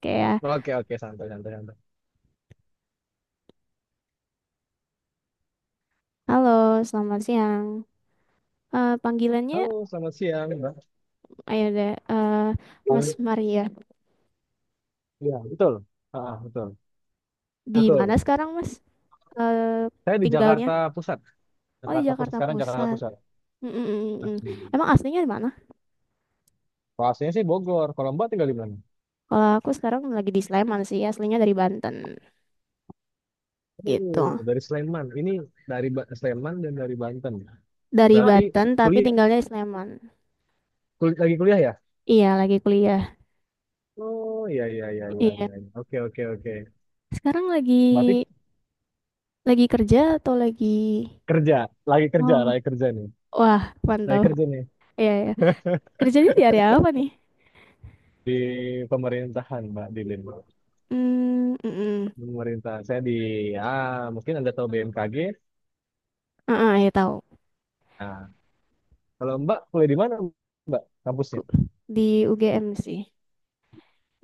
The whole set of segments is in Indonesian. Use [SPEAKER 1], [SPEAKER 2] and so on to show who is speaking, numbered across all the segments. [SPEAKER 1] Kayak ya,
[SPEAKER 2] Oke, oke, santai, santai, santai.
[SPEAKER 1] halo, selamat siang. Panggilannya,
[SPEAKER 2] Halo, selamat siang, Mbak.
[SPEAKER 1] ayo deh,
[SPEAKER 2] Halo.
[SPEAKER 1] Mas Maria.
[SPEAKER 2] Iya, betul. Ah, betul.
[SPEAKER 1] Di mana
[SPEAKER 2] Betul.
[SPEAKER 1] sekarang, Mas? Eh
[SPEAKER 2] Saya di
[SPEAKER 1] tinggalnya?
[SPEAKER 2] Jakarta Pusat.
[SPEAKER 1] Oh, di
[SPEAKER 2] Jakarta Pusat
[SPEAKER 1] Jakarta
[SPEAKER 2] sekarang Jakarta
[SPEAKER 1] Pusat.
[SPEAKER 2] Pusat.
[SPEAKER 1] Mm, mm, mm, mm. Mm.
[SPEAKER 2] Asli.
[SPEAKER 1] Emang aslinya di mana?
[SPEAKER 2] Kalau aslinya sih Bogor. Kalau Mbak tinggal di mana?
[SPEAKER 1] Kalau aku sekarang lagi di Sleman sih, aslinya dari Banten, gitu.
[SPEAKER 2] Oh, dari Sleman. Ini dari Sleman dan dari Banten.
[SPEAKER 1] Dari
[SPEAKER 2] Berarti
[SPEAKER 1] Banten, tapi
[SPEAKER 2] kuliah,
[SPEAKER 1] tinggalnya di Sleman.
[SPEAKER 2] lagi kuliah ya?
[SPEAKER 1] Iya, lagi kuliah.
[SPEAKER 2] Oh, iya, iya, iya, iya,
[SPEAKER 1] Iya.
[SPEAKER 2] iya, iya. Oke, oke, oke.
[SPEAKER 1] Sekarang lagi
[SPEAKER 2] Berarti
[SPEAKER 1] kerja atau lagi?
[SPEAKER 2] kerja, lagi kerja,
[SPEAKER 1] Oh,
[SPEAKER 2] lagi kerja nih.
[SPEAKER 1] wah,
[SPEAKER 2] Lagi
[SPEAKER 1] mantap.
[SPEAKER 2] kerja nih
[SPEAKER 1] Iya, iya. Kerjanya di area apa nih?
[SPEAKER 2] di pemerintahan, Mbak Dilin.
[SPEAKER 1] Hmm, mm-mm.
[SPEAKER 2] Pemerintah saya di mungkin Anda tahu BMKG.
[SPEAKER 1] Heeh, ya tahu.
[SPEAKER 2] Nah, kalau Mbak kuliah di mana Mbak kampusnya?
[SPEAKER 1] Ku- Di UGM sih.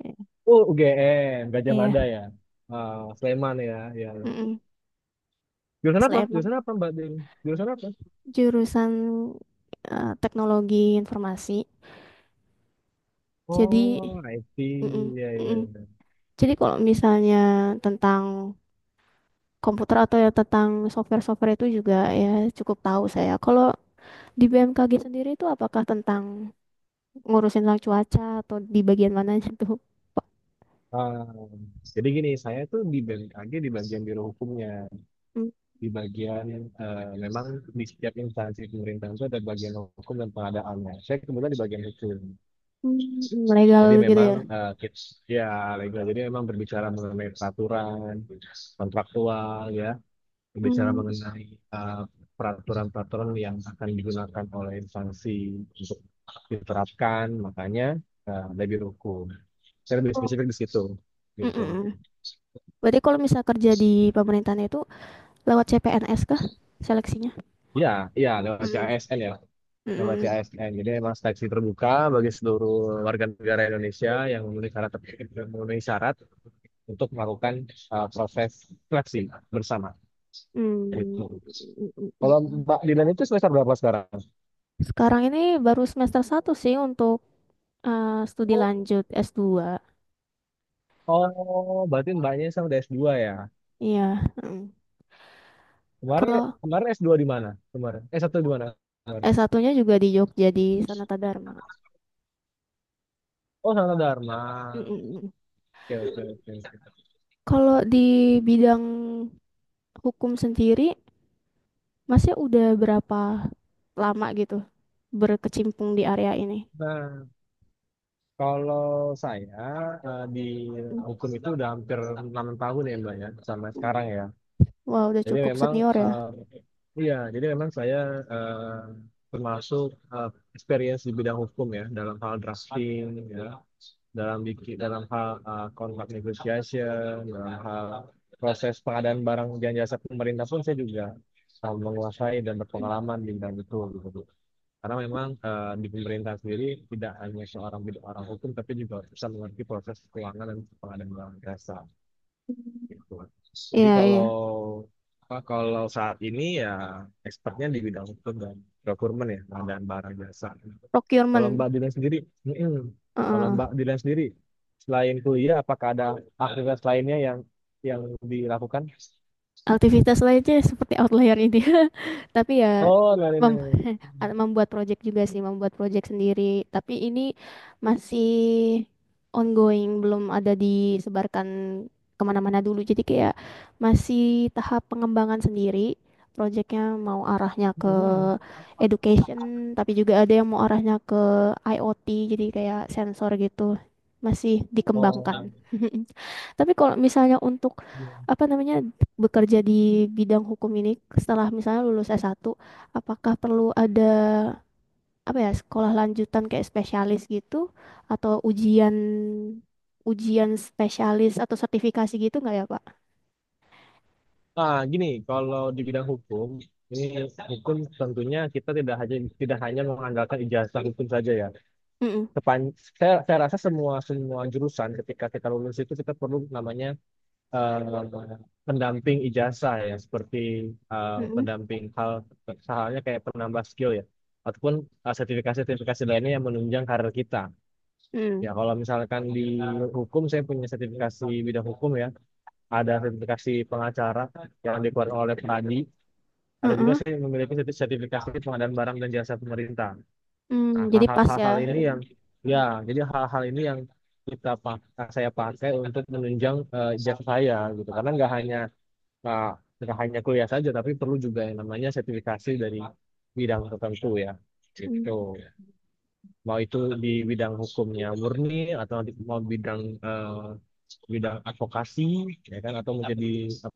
[SPEAKER 1] Eh,
[SPEAKER 2] Oh, UGM, Gajah
[SPEAKER 1] Iya.
[SPEAKER 2] Mada ya. Ah, Sleman, ya, ya, ya.
[SPEAKER 1] Mm-mm.
[SPEAKER 2] Jurusan apa?
[SPEAKER 1] Sleman
[SPEAKER 2] Jurusan apa Mbak Din? Jurusan apa?
[SPEAKER 1] jurusan teknologi informasi. Jadi,
[SPEAKER 2] Oh,
[SPEAKER 1] mm-mm,
[SPEAKER 2] IT. Ya, ya,
[SPEAKER 1] mm-mm.
[SPEAKER 2] ya.
[SPEAKER 1] Jadi kalau misalnya tentang komputer atau ya tentang software-software itu juga ya cukup tahu saya. Kalau di BMKG sendiri itu apakah tentang ngurusin tentang cuaca atau di bagian mananya tuh? Pak?
[SPEAKER 2] Ah, jadi gini, saya tuh di BMKG di bagian biro hukumnya,
[SPEAKER 1] Mm,
[SPEAKER 2] di bagian memang di setiap instansi pemerintahan itu ada bagian hukum dan pengadaannya. Saya kebetulan di bagian hukum.
[SPEAKER 1] mm, legal
[SPEAKER 2] Jadi
[SPEAKER 1] gitu
[SPEAKER 2] memang
[SPEAKER 1] ya?
[SPEAKER 2] kids ya legal. Jadi memang berbicara mengenai peraturan, kontraktual ya, berbicara
[SPEAKER 1] Mm,
[SPEAKER 2] mengenai eh, peraturan-peraturan yang akan digunakan oleh instansi untuk diterapkan, makanya lebih hukum. Saya lebih
[SPEAKER 1] oh,
[SPEAKER 2] spesifik di situ,
[SPEAKER 1] mm-mm.
[SPEAKER 2] gitu.
[SPEAKER 1] Berarti kalau misal kerja di pemerintahan itu lewat CPNS kah seleksinya?
[SPEAKER 2] Ya, ya lewat
[SPEAKER 1] Mm.
[SPEAKER 2] CASN ya, lewat
[SPEAKER 1] Mm,
[SPEAKER 2] CASN. Jadi memang seleksi terbuka bagi seluruh warga negara Indonesia yang memenuhi syarat untuk melakukan proses seleksi bersama. Gitu.
[SPEAKER 1] mm, mm, mm, mm,
[SPEAKER 2] Kalau
[SPEAKER 1] mm.
[SPEAKER 2] Mbak Dilan itu semester berapa sekarang?
[SPEAKER 1] Sekarang ini baru semester satu sih untuk studi lanjut S2.
[SPEAKER 2] Oh, berarti mbaknya sama udah s dua ya.
[SPEAKER 1] Iya. Mm.
[SPEAKER 2] Kemarin
[SPEAKER 1] Kalau
[SPEAKER 2] kemarin s dua di mana? Kemarin. S satu di mana? Kemarin.
[SPEAKER 1] S1-nya juga di Jogja di Sanata Dharma.
[SPEAKER 2] Oh, Sanata
[SPEAKER 1] Mm,
[SPEAKER 2] Dharma.
[SPEAKER 1] mm, mm.
[SPEAKER 2] Oke, oke, oke.
[SPEAKER 1] Kalau di bidang hukum sendiri, masih udah berapa lama gitu berkecimpung di area ini?
[SPEAKER 2] Nah, kalau saya di
[SPEAKER 1] Mm,
[SPEAKER 2] hukum itu udah hampir 6 tahun ya, Mbak ya, sama
[SPEAKER 1] mm.
[SPEAKER 2] sekarang ya.
[SPEAKER 1] Wah, udah
[SPEAKER 2] Jadi
[SPEAKER 1] cukup
[SPEAKER 2] memang
[SPEAKER 1] senior ya.
[SPEAKER 2] iya, jadi memang saya eh, termasuk eh, experience di bidang hukum ya, dalam hal drafting ya. Dalam hal kontrak negotiation, dalam hal proses pengadaan barang dan jasa pemerintah pun saya juga menguasai dan berpengalaman di bidang itu gitu. Karena memang di pemerintah sendiri tidak hanya seorang bidang orang hukum, tapi juga bisa mengerti proses keuangan dan pengadaan barang jasa gitu. Jadi
[SPEAKER 1] Iya, iya.
[SPEAKER 2] kalau apa, kalau saat ini ya expertnya di bidang hukum dan procurement ya pengadaan barang jasa. Kalau
[SPEAKER 1] Procurement.
[SPEAKER 2] Mbak Dilan sendiri, mm-mm. Kalau
[SPEAKER 1] Heeh.
[SPEAKER 2] Mbak Dilan sendiri, selain kuliah, apakah ada aktivitas lainnya yang dilakukan?
[SPEAKER 1] Aktivitas lainnya seperti outlier ini. Tapi ya
[SPEAKER 2] Oh, dari
[SPEAKER 1] mem
[SPEAKER 2] ini.
[SPEAKER 1] membuat project juga sih, membuat project sendiri. Tapi ini masih ongoing, belum ada disebarkan kemana-mana dulu. Jadi kayak masih tahap pengembangan sendiri. Projectnya mau arahnya ke
[SPEAKER 2] Mm.
[SPEAKER 1] education, tapi juga ada yang mau arahnya ke IoT, jadi kayak sensor gitu. Masih
[SPEAKER 2] Oh,
[SPEAKER 1] dikembangkan. Tapi kalau misalnya untuk
[SPEAKER 2] iya.
[SPEAKER 1] apa namanya bekerja di bidang hukum ini setelah misalnya lulus s satu, apakah perlu ada apa ya sekolah lanjutan kayak spesialis gitu atau ujian ujian spesialis atau sertifikasi gitu nggak ya, Pak?
[SPEAKER 2] Nah, gini, kalau di bidang hukum, ini hukum tentunya kita tidak hanya mengandalkan ijazah hukum saja ya.
[SPEAKER 1] Mm-mm.
[SPEAKER 2] Sepan, saya rasa semua semua jurusan ketika kita lulus itu kita perlu namanya eh, pendamping ijazah ya seperti
[SPEAKER 1] Mm-mm.
[SPEAKER 2] pendamping halnya kayak penambah skill ya ataupun sertifikasi-sertifikasi lainnya yang menunjang karir kita. Ya
[SPEAKER 1] Mm.
[SPEAKER 2] kalau misalkan di hukum saya punya sertifikasi bidang hukum ya, ada sertifikasi pengacara yang dikeluarkan oleh Pradi, ada juga
[SPEAKER 1] Mm-mm.
[SPEAKER 2] saya memiliki sertifikasi pengadaan barang dan jasa pemerintah. Nah,
[SPEAKER 1] Mm, jadi
[SPEAKER 2] hal-hal
[SPEAKER 1] pas ya.
[SPEAKER 2] hal-hal ini
[SPEAKER 1] Gitu.
[SPEAKER 2] yang ya, jadi hal-hal ini yang kita pak saya pakai untuk menunjang ijazah saya gitu karena nggak hanya Nah, nggak hanya kuliah saja, tapi perlu juga yang namanya sertifikasi dari bidang tertentu ya. Gitu.
[SPEAKER 1] Mm.
[SPEAKER 2] Mau itu di bidang hukumnya murni atau mau eh, bidang advokasi ya kan atau menjadi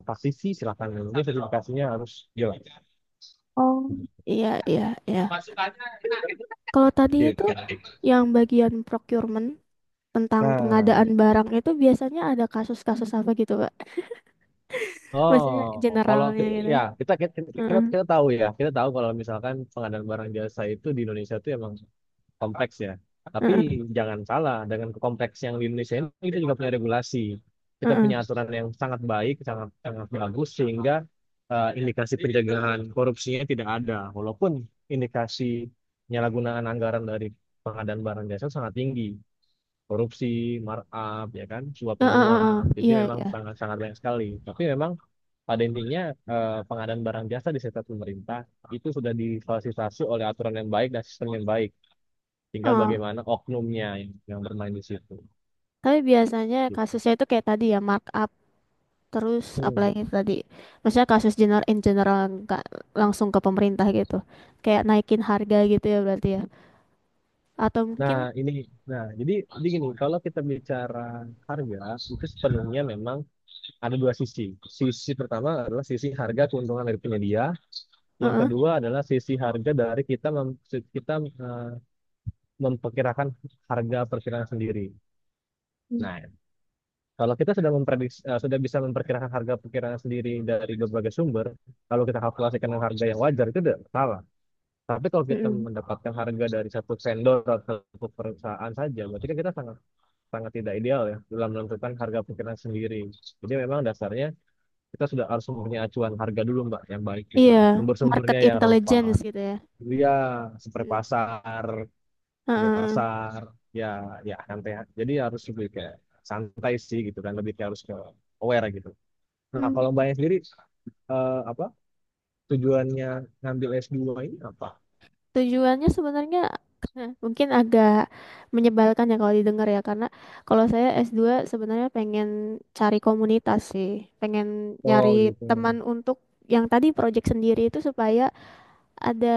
[SPEAKER 2] praktisi silakan. Yang penting sertifikasinya harus jelas.
[SPEAKER 1] Oh, iya, iya, iya. Kalau tadi itu
[SPEAKER 2] Gitu.
[SPEAKER 1] yang bagian procurement tentang
[SPEAKER 2] Nah,
[SPEAKER 1] pengadaan barang itu biasanya ada kasus-kasus apa gitu, Pak? Maksudnya
[SPEAKER 2] oh, kalau
[SPEAKER 1] generalnya gitu.
[SPEAKER 2] ya kita kita, kita
[SPEAKER 1] Heeh,
[SPEAKER 2] kita tahu ya, kita tahu kalau misalkan pengadaan barang jasa itu di Indonesia itu emang kompleks ya. Tapi
[SPEAKER 1] heeh,
[SPEAKER 2] jangan salah, dengan kompleks yang di Indonesia ini kita juga punya regulasi. Kita
[SPEAKER 1] heeh.
[SPEAKER 2] punya aturan yang sangat baik, sangat sangat bagus sehingga indikasi pencegahan korupsinya tidak ada. Walaupun indikasi penyalahgunaan anggaran dari pengadaan barang jasa sangat tinggi, korupsi, markup, ya kan, suap
[SPEAKER 1] Heeh, heeh, heeh.
[SPEAKER 2] menyuap. Jadi
[SPEAKER 1] Iya,
[SPEAKER 2] memang
[SPEAKER 1] iya.
[SPEAKER 2] sangat sangat banyak sekali. Tapi memang pada intinya pengadaan barang jasa di sektor pemerintah itu sudah difasilitasi oleh aturan yang baik dan sistem yang baik, tinggal
[SPEAKER 1] Oh,
[SPEAKER 2] bagaimana oknumnya yang bermain di situ
[SPEAKER 1] tapi biasanya
[SPEAKER 2] gitu.
[SPEAKER 1] kasusnya itu kayak tadi ya markup, terus
[SPEAKER 2] Hmm.
[SPEAKER 1] apalagi tadi. Maksudnya kasus general in general, nggak langsung ke pemerintah gitu. Kayak naikin harga gitu ya berarti ya. Atau
[SPEAKER 2] Nah,
[SPEAKER 1] mungkin
[SPEAKER 2] ini nah, jadi gini, kalau kita bicara harga itu sepenuhnya memang ada dua sisi. Sisi pertama adalah sisi harga keuntungan dari penyedia, yang
[SPEAKER 1] heeh.
[SPEAKER 2] kedua adalah sisi harga dari kita eh, memperkirakan harga perkiraan sendiri.
[SPEAKER 1] Hmm,
[SPEAKER 2] Nah, kalau kita sudah memprediksi sudah bisa memperkirakan harga perkiraan sendiri dari berbagai sumber, kalau kita kalkulasikan dengan harga yang wajar itu tidak salah. Tapi kalau kita
[SPEAKER 1] heeh.
[SPEAKER 2] mendapatkan harga dari satu vendor atau satu perusahaan saja, berarti kan kita sangat sangat tidak ideal ya dalam menentukan harga pikiran sendiri. Jadi memang dasarnya kita sudah harus mempunyai acuan harga dulu, Mbak, yang baik gitu.
[SPEAKER 1] Iya, market
[SPEAKER 2] Sumber-sumbernya yang
[SPEAKER 1] intelligence
[SPEAKER 2] relevan.
[SPEAKER 1] gitu ya.
[SPEAKER 2] Iya, seperti
[SPEAKER 1] Heeh.
[SPEAKER 2] pasar, seperti
[SPEAKER 1] Heeh.
[SPEAKER 2] pasar, ya ya santai. Jadi harus lebih kayak santai sih gitu kan, lebih kayak harus ke aware gitu. Nah,
[SPEAKER 1] Heeh.
[SPEAKER 2] kalau Mbaknya sendiri apa tujuannya ngambil S2 ini apa?
[SPEAKER 1] Tujuannya sebenarnya mungkin agak menyebalkan ya kalau didengar ya, karena kalau saya S2 sebenarnya pengen cari komunitas sih, pengen
[SPEAKER 2] Oh
[SPEAKER 1] nyari
[SPEAKER 2] gitu,
[SPEAKER 1] teman untuk yang tadi project sendiri itu supaya ada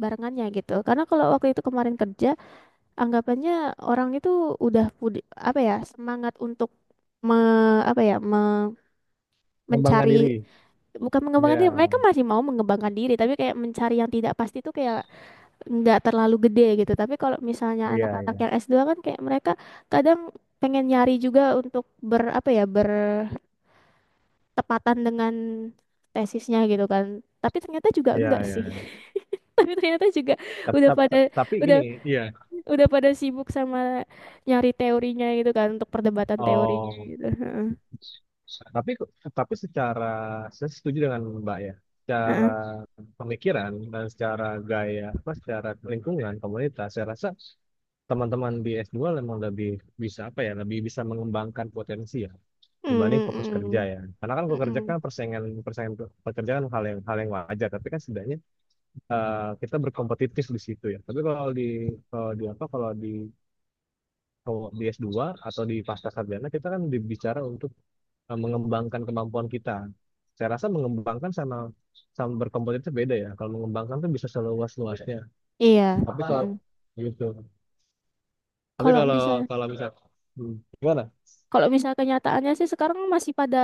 [SPEAKER 1] barengannya gitu. Karena kalau waktu itu kemarin kerja, anggapannya orang itu udah apa ya, semangat untuk apa ya,
[SPEAKER 2] mengembangkan
[SPEAKER 1] mencari,
[SPEAKER 2] diri.
[SPEAKER 1] bukan mengembangkan diri, mereka
[SPEAKER 2] Ya,
[SPEAKER 1] masih mau mengembangkan diri tapi kayak mencari yang tidak pasti itu kayak nggak terlalu gede gitu. Tapi kalau misalnya anak-anak
[SPEAKER 2] iya,
[SPEAKER 1] yang s dua kan kayak mereka kadang pengen nyari juga untuk apa ya bertepatan dengan tesisnya gitu kan. Tapi ternyata juga
[SPEAKER 2] iya,
[SPEAKER 1] enggak
[SPEAKER 2] iya.
[SPEAKER 1] sih. Tapi ternyata juga
[SPEAKER 2] Tapi,
[SPEAKER 1] udah pada
[SPEAKER 2] tapi
[SPEAKER 1] udah
[SPEAKER 2] gini, iya.
[SPEAKER 1] udah pada sibuk sama nyari teorinya gitu kan untuk perdebatan teorinya
[SPEAKER 2] Oh,
[SPEAKER 1] gitu. Heeh.
[SPEAKER 2] tapi tapi secara saya setuju dengan Mbak ya. Secara
[SPEAKER 1] Heeh.
[SPEAKER 2] pemikiran dan secara gaya apa secara lingkungan komunitas, saya rasa teman-teman di s dua memang lebih bisa apa ya, lebih bisa mengembangkan potensi ya
[SPEAKER 1] Mm,
[SPEAKER 2] dibanding fokus kerja
[SPEAKER 1] mm,
[SPEAKER 2] ya. Karena kan
[SPEAKER 1] mm,
[SPEAKER 2] fokus kerja
[SPEAKER 1] mm.
[SPEAKER 2] kan persaingan persaingan pekerjaan hal yang wajar, tapi kan setidaknya kita berkompetitif di situ ya. Tapi kalau di apa kalau di S2 atau di pasca sarjana kita kan dibicara untuk mengembangkan kemampuan kita. Saya rasa mengembangkan sama sama berkompetitif beda ya. Kalau mengembangkan tuh bisa seluas-luasnya.
[SPEAKER 1] Iya.
[SPEAKER 2] Tapi
[SPEAKER 1] Mm,
[SPEAKER 2] kalau
[SPEAKER 1] mm.
[SPEAKER 2] gitu. Tapi
[SPEAKER 1] Kalau
[SPEAKER 2] kalau
[SPEAKER 1] misalnya
[SPEAKER 2] kalau misal. Hmm, gimana?
[SPEAKER 1] Kalau misalnya kenyataannya sih sekarang masih pada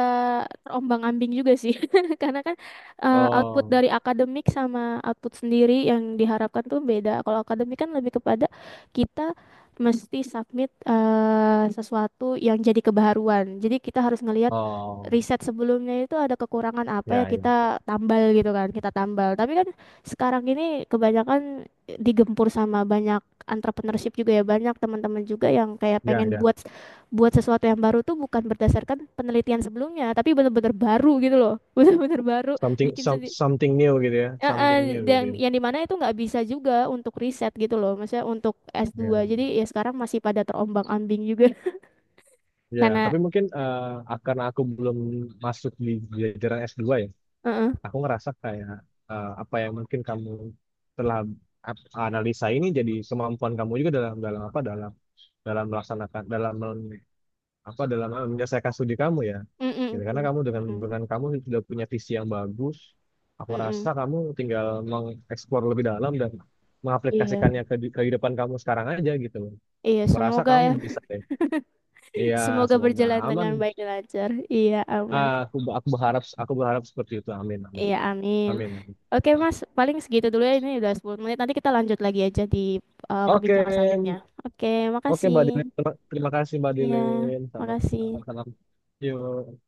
[SPEAKER 1] terombang-ambing juga sih. Karena kan output
[SPEAKER 2] Oh,
[SPEAKER 1] dari akademik sama output sendiri yang diharapkan tuh beda. Kalau akademik kan lebih kepada kita mesti submit sesuatu yang jadi kebaharuan. Jadi kita harus ngelihat
[SPEAKER 2] oh,
[SPEAKER 1] riset sebelumnya itu ada kekurangan apa ya
[SPEAKER 2] ya, ya,
[SPEAKER 1] kita tambal gitu kan, kita tambal. Tapi kan sekarang ini kebanyakan digempur sama banyak entrepreneurship juga ya, banyak teman-teman juga yang kayak
[SPEAKER 2] ya,
[SPEAKER 1] pengen
[SPEAKER 2] ya.
[SPEAKER 1] buat buat sesuatu yang baru tuh bukan berdasarkan penelitian sebelumnya, tapi bener-bener baru gitu loh. Bener-bener baru
[SPEAKER 2] Something
[SPEAKER 1] bikin sendiri.
[SPEAKER 2] something new gitu ya,
[SPEAKER 1] Eh, eh,
[SPEAKER 2] something new
[SPEAKER 1] yang
[SPEAKER 2] gitu.
[SPEAKER 1] yang dimana itu nggak bisa juga untuk riset gitu loh. Maksudnya untuk S2.
[SPEAKER 2] Ya,
[SPEAKER 1] Jadi ya sekarang masih pada terombang-ambing juga
[SPEAKER 2] ya.
[SPEAKER 1] karena
[SPEAKER 2] Tapi mungkin karena aku belum masuk di jajaran S2 ya.
[SPEAKER 1] heeh.
[SPEAKER 2] Aku ngerasa kayak apa yang mungkin kamu telah analisa ini jadi kemampuan kamu juga dalam dalam apa dalam dalam melaksanakan dalam apa dalam menyelesaikan studi kamu ya gitu. Karena
[SPEAKER 1] Mm-mm,
[SPEAKER 2] kamu dengan
[SPEAKER 1] mm-mm,
[SPEAKER 2] dengan kamu sudah punya visi yang bagus, aku rasa
[SPEAKER 1] mm-mm.
[SPEAKER 2] kamu tinggal mengeksplor lebih dalam dan
[SPEAKER 1] Iya.
[SPEAKER 2] mengaplikasikannya ke kehidupan kamu sekarang aja gitu loh.
[SPEAKER 1] Iya,
[SPEAKER 2] Merasa
[SPEAKER 1] semoga
[SPEAKER 2] kamu
[SPEAKER 1] ya.
[SPEAKER 2] bisa deh. Iya,
[SPEAKER 1] Semoga
[SPEAKER 2] semoga
[SPEAKER 1] berjalan
[SPEAKER 2] aman.
[SPEAKER 1] dengan baik dan lancar. Iya, aman.
[SPEAKER 2] Ah, aku berharap seperti itu, amin, amin,
[SPEAKER 1] Iya, amin.
[SPEAKER 2] amin, amin.
[SPEAKER 1] Oke, Mas, paling segitu dulu ya. Ini udah 10 menit. Nanti kita lanjut lagi aja di
[SPEAKER 2] Oke,
[SPEAKER 1] perbincangan selanjutnya. Oke,
[SPEAKER 2] oke,
[SPEAKER 1] makasih.
[SPEAKER 2] Mbak Dilin. Terima terima kasih, Mbak
[SPEAKER 1] Iya,
[SPEAKER 2] Dilin. Salam.
[SPEAKER 1] makasih.
[SPEAKER 2] Salam. Yuk.